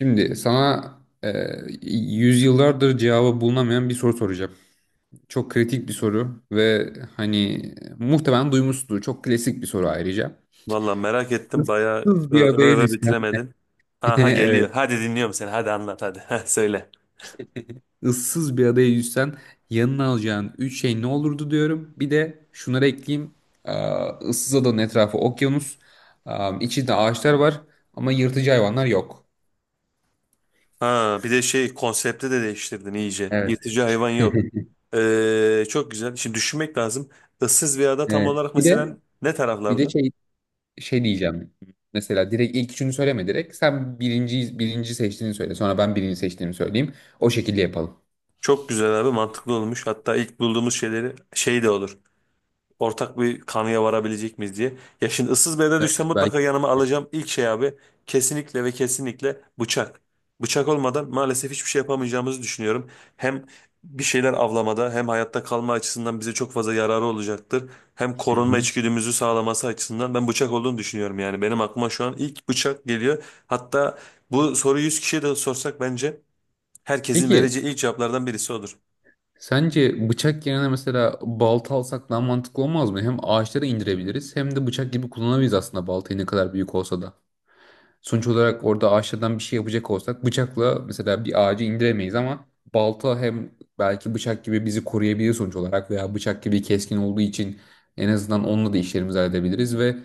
Şimdi sana e, yüzyıllardır cevabı bulunamayan bir soru soracağım. Çok kritik bir soru ve hani muhtemelen duymuşsundur. Çok klasik bir soru ayrıca. Valla merak ettim. Bayağı Issız bir öve adaya öve düşsen, bitiremedin. Aha evet, geliyor. Hadi dinliyorum seni. Hadi anlat hadi. Heh, söyle. ıssız bir adaya düşsen yanına alacağın üç şey ne olurdu diyorum. Bir de şunları ekleyeyim. Ee, ıssız adanın etrafı okyanus. Ee, içinde ağaçlar var ama yırtıcı hayvanlar yok. Ha bir de şey konsepti de değiştirdin iyice. Evet. Yırtıcı hayvan yok. Çok güzel. Şimdi düşünmek lazım. Issız bir ada tam Evet. olarak Bir de mesela ne bir de taraflarda? şey şey diyeceğim. Mesela direkt ilk üçünü söyleme direkt. Sen birinci seçtiğini söyle. Sonra ben birinci seçtiğimi söyleyeyim. O şekilde yapalım. Çok güzel abi mantıklı olmuş. Hatta ilk bulduğumuz şeyleri şey de olur, ortak bir kanıya varabilecek miyiz diye. Ya şimdi ıssız bir yere Evet, düşsem evet, mutlaka belki yanıma yapabiliriz. alacağım ilk şey abi kesinlikle ve kesinlikle bıçak. Bıçak olmadan maalesef hiçbir şey yapamayacağımızı düşünüyorum. Hem bir şeyler avlamada hem hayatta kalma açısından bize çok fazla yararı olacaktır. Hem Hı korunma hı. içgüdümüzü sağlaması açısından ben bıçak olduğunu düşünüyorum yani. Benim aklıma şu an ilk bıçak geliyor. Hatta bu soruyu 100 kişiye de sorsak bence herkesin Peki vereceği ilk cevaplardan birisi odur. sence bıçak yerine mesela balta alsak daha mantıklı olmaz mı? Hem ağaçları indirebiliriz hem de bıçak gibi kullanabiliriz aslında baltayı ne kadar büyük olsa da. Sonuç olarak orada ağaçlardan bir şey yapacak olsak bıçakla mesela bir ağacı indiremeyiz ama balta hem belki bıçak gibi bizi koruyabilir sonuç olarak veya bıçak gibi keskin olduğu için en azından onunla da işlerimizi halledebiliriz ve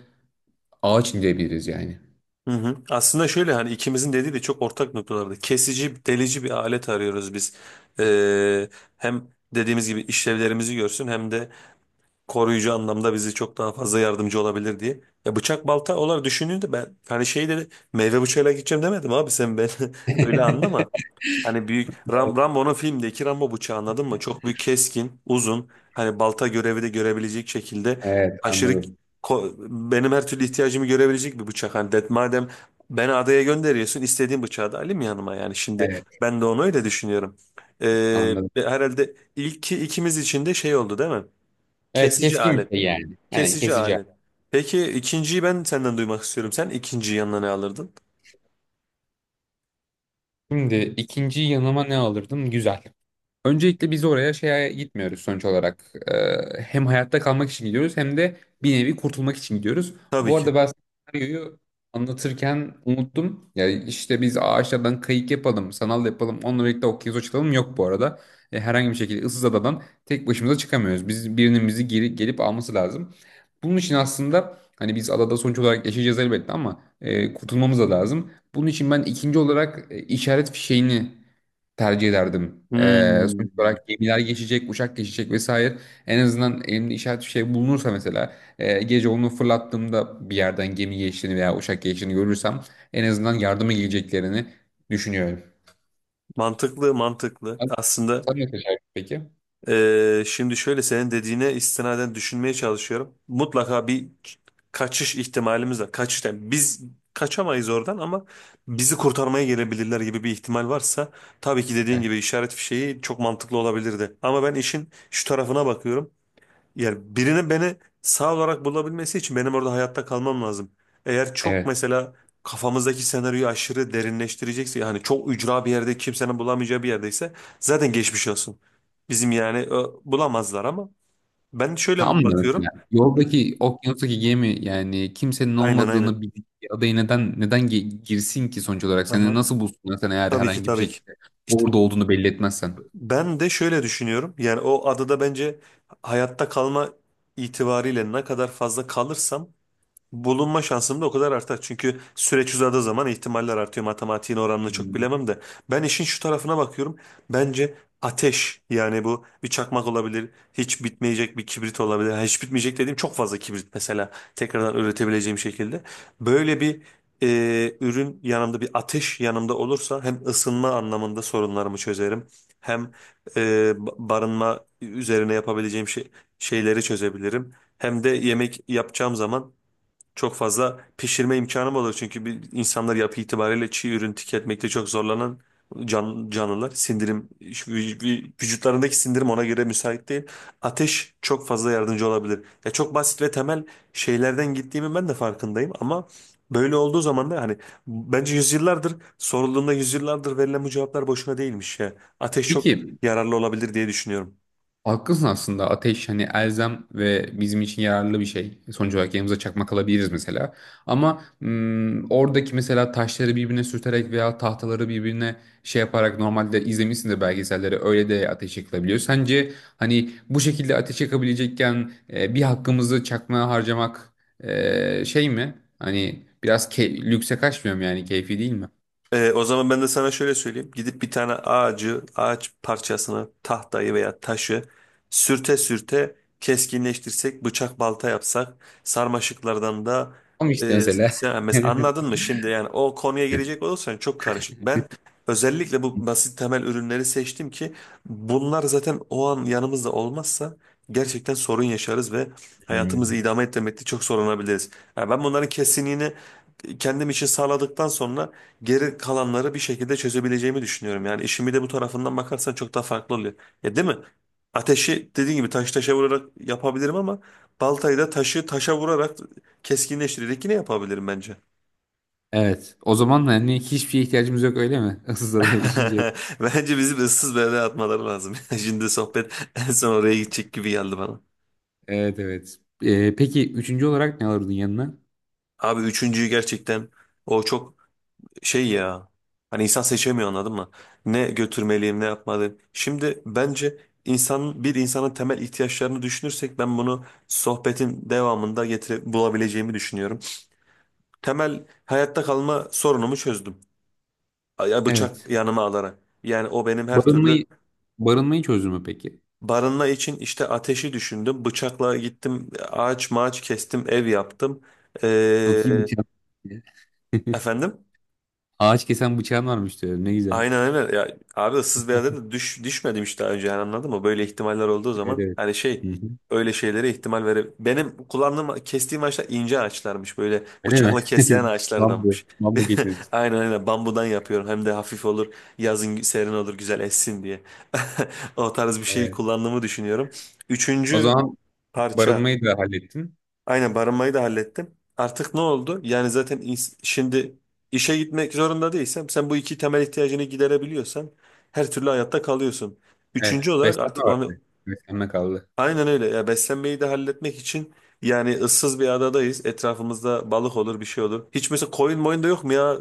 ağaç indirebiliriz yani. Hı hı. Aslında şöyle hani ikimizin dediği de çok ortak noktalarda. Kesici, delici bir alet arıyoruz biz. Ee, Hem dediğimiz gibi işlevlerimizi görsün hem de koruyucu anlamda bizi çok daha fazla yardımcı olabilir diye. Ya bıçak balta olarak düşündüğünde ben hani şey dedi meyve bıçağıyla gideceğim demedim abi sen ben öyle anlama. Hani büyük Rambo'nun filmdeki Rambo bıçağı anladın mı? Çok büyük keskin, uzun. Hani balta görevi de görebilecek şekilde Evet aşırı anladım. ko- benim her türlü ihtiyacımı görebilecek bir bıçak. Hani det madem beni adaya gönderiyorsun istediğim bıçağı da alayım yanıma yani şimdi Evet ben de onu öyle düşünüyorum. Anladım. Herhalde ilki ikimiz için de şey oldu değil mi? Evet Kesici keskin bir alet. şey yani. Yani Kesici kesici. alet. Peki ikinciyi ben senden duymak istiyorum. Sen ikinciyi yanına ne alırdın? Şimdi ikinci yanıma ne alırdım? Güzel. Öncelikle biz oraya şeye gitmiyoruz sonuç olarak. Hem hayatta kalmak için gidiyoruz hem de bir nevi kurtulmak için gidiyoruz. Tabii Bu ki. arada ben senaryoyu anlatırken unuttum. Ya işte biz ağaçlardan kayık yapalım, sanal yapalım, onunla birlikte okyanus açılalım yok bu arada. E, herhangi bir şekilde ıssız adadan tek başımıza çıkamıyoruz. Biz birinin bizi gelip alması lazım. Bunun için aslında hani biz adada sonuç olarak yaşayacağız elbette ama kurtulmamız da lazım. Bunun için ben ikinci olarak işaret fişeğini tercih ederdim. Sonuç Hmm. olarak gemiler geçecek, uçak geçecek vesaire. En azından elimde işaret bir şey bulunursa mesela gece onu fırlattığımda bir yerden gemi geçtiğini veya uçak geçtiğini görürsem en azından yardıma geleceklerini düşünüyorum. Mantıklı, mantıklı. Sen Aslında sen ne seçerdin peki? Şimdi şöyle senin dediğine istinaden düşünmeye çalışıyorum. Mutlaka bir kaçış ihtimalimiz var. Kaçış yani biz kaçamayız oradan ama bizi kurtarmaya gelebilirler gibi bir ihtimal varsa tabii ki dediğin Evet. gibi işaret fişeği çok mantıklı olabilirdi. Ama ben işin şu tarafına bakıyorum. Yani birinin beni sağ olarak bulabilmesi için benim orada hayatta kalmam lazım. Eğer çok Evet. mesela kafamızdaki senaryoyu aşırı derinleştirecekse yani çok ücra bir yerde kimsenin bulamayacağı bir yerdeyse zaten geçmiş olsun. Bizim yani bulamazlar ama ben şöyle Tam da mesela bakıyorum. yoldaki okyanustaki gemi yani kimsenin Aynen aynen. olmadığını bildiği bir adaya neden girsin ki sonuç olarak? Seni Aha, nasıl bulsunlar sen eğer tabii ki herhangi bir tabii ki. şekilde İşte orada olduğunu belli etmezsen? ben de şöyle düşünüyorum. Yani o adada bence hayatta kalma itibariyle ne kadar fazla kalırsam bulunma şansım da o kadar artar. Çünkü süreç uzadığı zaman ihtimaller artıyor. Matematiğin oranını çok Hmm. bilemem de. Ben işin şu tarafına bakıyorum. Bence ateş, yani bu bir çakmak olabilir. Hiç bitmeyecek bir kibrit olabilir. Ha, hiç bitmeyecek dediğim çok fazla kibrit mesela. Tekrardan üretebileceğim şekilde. Böyle bir ürün yanımda bir ateş yanımda olursa hem ısınma anlamında sorunlarımı çözerim. Hem e, barınma üzerine yapabileceğim şeyleri çözebilirim. Hem de yemek yapacağım zaman çok fazla pişirme imkanım olur. Çünkü bir, insanlar yapı itibariyle çiğ ürün tüketmekte çok zorlanan canlılar. Sindirim, şu vücutlarındaki sindirim ona göre müsait değil. Ateş çok fazla yardımcı olabilir. Ya çok basit ve temel şeylerden gittiğimi ben de farkındayım ama böyle olduğu zaman da hani bence yüzyıllardır sorulduğunda yüzyıllardır verilen bu cevaplar boşuna değilmiş ya. Ateş çok Peki, yararlı olabilir diye düşünüyorum. haklısın aslında ateş hani elzem ve bizim için yararlı bir şey. Sonuç olarak yanımıza çakmak alabiliriz mesela. Ama oradaki mesela taşları birbirine sürterek veya tahtaları birbirine şey yaparak normalde izlemişsindir belgeselleri öyle de ateş yakılabiliyor. Sence hani bu şekilde ateş yakabilecekken bir hakkımızı çakmaya harcamak şey mi? Hani biraz lükse kaçmıyor mu yani keyfi değil mi? O zaman ben de sana şöyle söyleyeyim. Gidip bir tane ağaç parçasını, tahtayı veya taşı sürte sürte keskinleştirsek, bıçak balta yapsak, sarmaşıklardan da Ama işte mesela. sen mesela anladın mı şimdi yani o konuya girecek olursan çok karışık. Ben özellikle bu basit temel ürünleri seçtim ki bunlar zaten o an yanımızda olmazsa gerçekten sorun yaşarız ve hayatımızı idame ettirmekte çok zorlanabiliriz. Yani ben bunların kesinliğini kendim için sağladıktan sonra geri kalanları bir şekilde çözebileceğimi düşünüyorum. Yani işimi de bu tarafından bakarsan çok daha farklı oluyor. Ya değil mi? Ateşi dediğin gibi taş taşa vurarak yapabilirim ama baltayı da taşı taşa vurarak keskinleştirerek yine yapabilirim bence. Evet. O zaman hani hiçbir şeye ihtiyacımız yok öyle mi? Issız adaya düşünce. Bence bizim ıssız bir yere atmaları lazım. Şimdi sohbet en son oraya gidecek gibi geldi bana. Evet evet. Peki üçüncü olarak ne alırdın yanına? Abi üçüncüyü gerçekten o çok şey ya, hani insan seçemiyor anladın mı? Ne götürmeliyim ne yapmalıyım. Şimdi bence insan bir insanın temel ihtiyaçlarını düşünürsek ben bunu sohbetin devamında getire bulabileceğimi düşünüyorum. Temel hayatta kalma sorunumu çözdüm. Ya bıçak Evet. yanıma alarak. Yani o benim her türlü Barınmayı barınmayı çözdün mü peki? barınma için işte ateşi düşündüm. Bıçakla gittim ağaç mağaç kestim ev yaptım. Çok iyi Ee, bıçağın. efendim? Ağaç kesen bıçağın varmış diyorum. Ne güzel. Aynen aynen. Ya, abi ıssız bir adada düşmedim işte daha önce yani anladın mı? Böyle ihtimaller olduğu Evet zaman evet. hani şey Hı hı. öyle şeylere ihtimal vere... Benim kullandığım kestiğim ağaçlar ince ağaçlarmış, böyle Öyle mi? bıçakla kesilen Bambu. ağaçlardanmış. Bambu getirdin. Aynen aynen bambudan yapıyorum hem de hafif olur, yazın serin olur, güzel essin diye. O tarz bir şeyi Evet. kullandığımı düşünüyorum. O Üçüncü zaman parça. barınmayı da hallettin. Aynen barınmayı da hallettim. Artık ne oldu? Yani zaten şimdi işe gitmek zorunda değilsem sen bu iki temel ihtiyacını giderebiliyorsan her türlü hayatta kalıyorsun. Üçüncü Evet. olarak Beslenme artık onu vardı. Beslenme kaldı. aynen öyle ya, beslenmeyi de halletmek için yani ıssız bir adadayız. Etrafımızda balık olur bir şey olur. Hiç mesela koyun moyun da yok mu ya,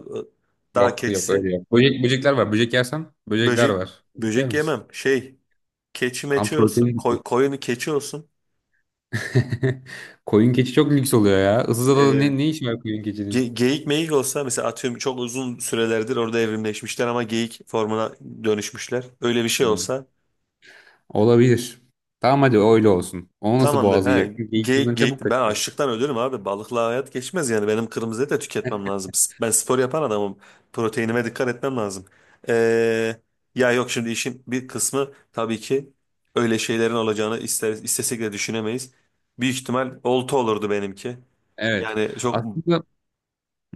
dağ Yok yok öyle keçisi? yok. Böcek, böcekler var. Böcek yersen böcekler Böcek var. Böcek yer böcek misin? yemem. Şey, keçi Tam meçi olsun. protein. Koyunu keçi olsun. Koyun keçi çok lüks oluyor ya. Isızada'da ne iş var koyun keçinin? Geyik meyik olsa mesela, atıyorum çok uzun sürelerdir orada evrimleşmişler ama geyik formuna dönüşmüşler. Öyle bir şey Hmm. olsa Olabilir. Tamam hadi öyle olsun. Onu nasıl tamamdır. He, boğazlayacaksın? Geyik yıldan geyik, geyik. çabuk Ben kaçar. açlıktan ölürüm abi. Balıkla hayat geçmez yani. Benim kırmızı et de tüketmem lazım. Ben spor yapan adamım. Proteinime dikkat etmem lazım. Ee, Ya yok şimdi işin bir kısmı tabii ki öyle şeylerin olacağını istesek de düşünemeyiz. Büyük ihtimal olta olurdu benimki. Evet. Yani çok Aslında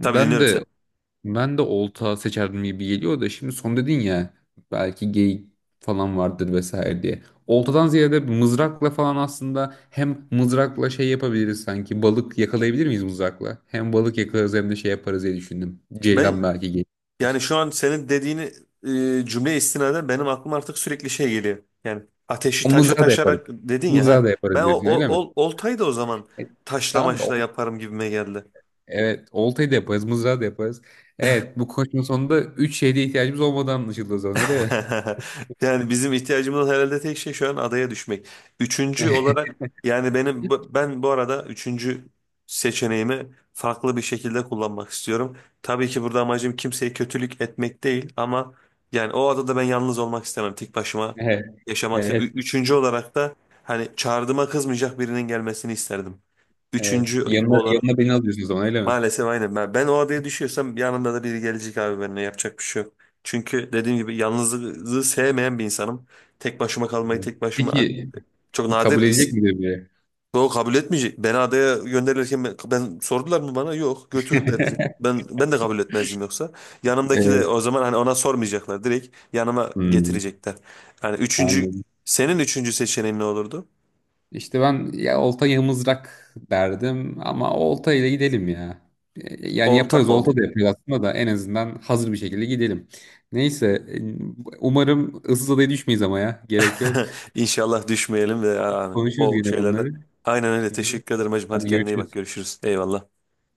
tabii, dinliyorum de seni. ben de olta seçerdim gibi geliyor da şimdi son dedin ya belki geyik falan vardır vesaire diye. Oltadan ziyade mızrakla falan aslında hem mızrakla şey yapabiliriz sanki. Balık yakalayabilir miyiz mızrakla? Hem balık yakalarız hem de şey yaparız diye düşündüm. Ben Ceylan belki gelir. Yani şu an senin dediğini cümle istinaden benim aklıma artık sürekli şey geliyor. Yani ateşi O taşa mızrağı da yaparız. taşarak dedin ya Mızrağı ha. da Ben yaparız diyorsun öyle mi? Oltayı da o zaman E, taşla tamam da maşla yaparım gibime geldi. evet oltayı da yaparız, mızrağı da yaparız. Evet bu konuşmanın sonunda üç şeyde ihtiyacımız olmadan anlaşıldı o zaman öyle mi? Yani bizim ihtiyacımız olan herhalde tek şey şu an adaya düşmek. Üçüncü olarak yani benim ben bu arada üçüncü seçeneğimi farklı bir şekilde kullanmak istiyorum. Tabii ki burada amacım kimseye kötülük etmek değil ama yani o adada ben yalnız olmak istemem. Tek başıma Evet. yaşamak istemem. Evet. Üçüncü olarak da hani çağrıma kızmayacak birinin gelmesini isterdim. Evet. Üçüncü olarak Yanına beni alıyorsun o zaman öyle mi? maalesef aynen. Ben o adaya düşüyorsam yanımda da biri gelecek abi, benimle yapacak bir şey yok. Çünkü dediğim gibi yalnızlığı sevmeyen bir insanım. Tek başıma kalmayı Evet. tek başıma Peki çok kabul nadir edecek midir biri? o kabul etmeyecek. Beni adaya gönderirken sordular mı bana? Yok, götürdüler direkt. Ben de kabul etmezdim yoksa. Yanımdaki de Evet. o zaman hani ona sormayacaklar. Direkt yanıma Hmm, getirecekler. Yani üçüncü, anladım. senin üçüncü seçeneğin ne olurdu? İşte ben ya olta ya mızrak derdim ama olta ile gidelim ya. Yani Olta yaparız mı olta oldu? da yaparız aslında da en azından hazır bir şekilde gidelim. Neyse umarım ıssız adaya düşmeyiz ama ya gerek yok. İnşallah düşmeyelim ve yani Konuşuruz o yine şeylerden. bunları. Aynen öyle. Hı. Teşekkür ederim hacım. Hadi Hadi kendine iyi bak. görüşürüz. Görüşürüz. Eyvallah.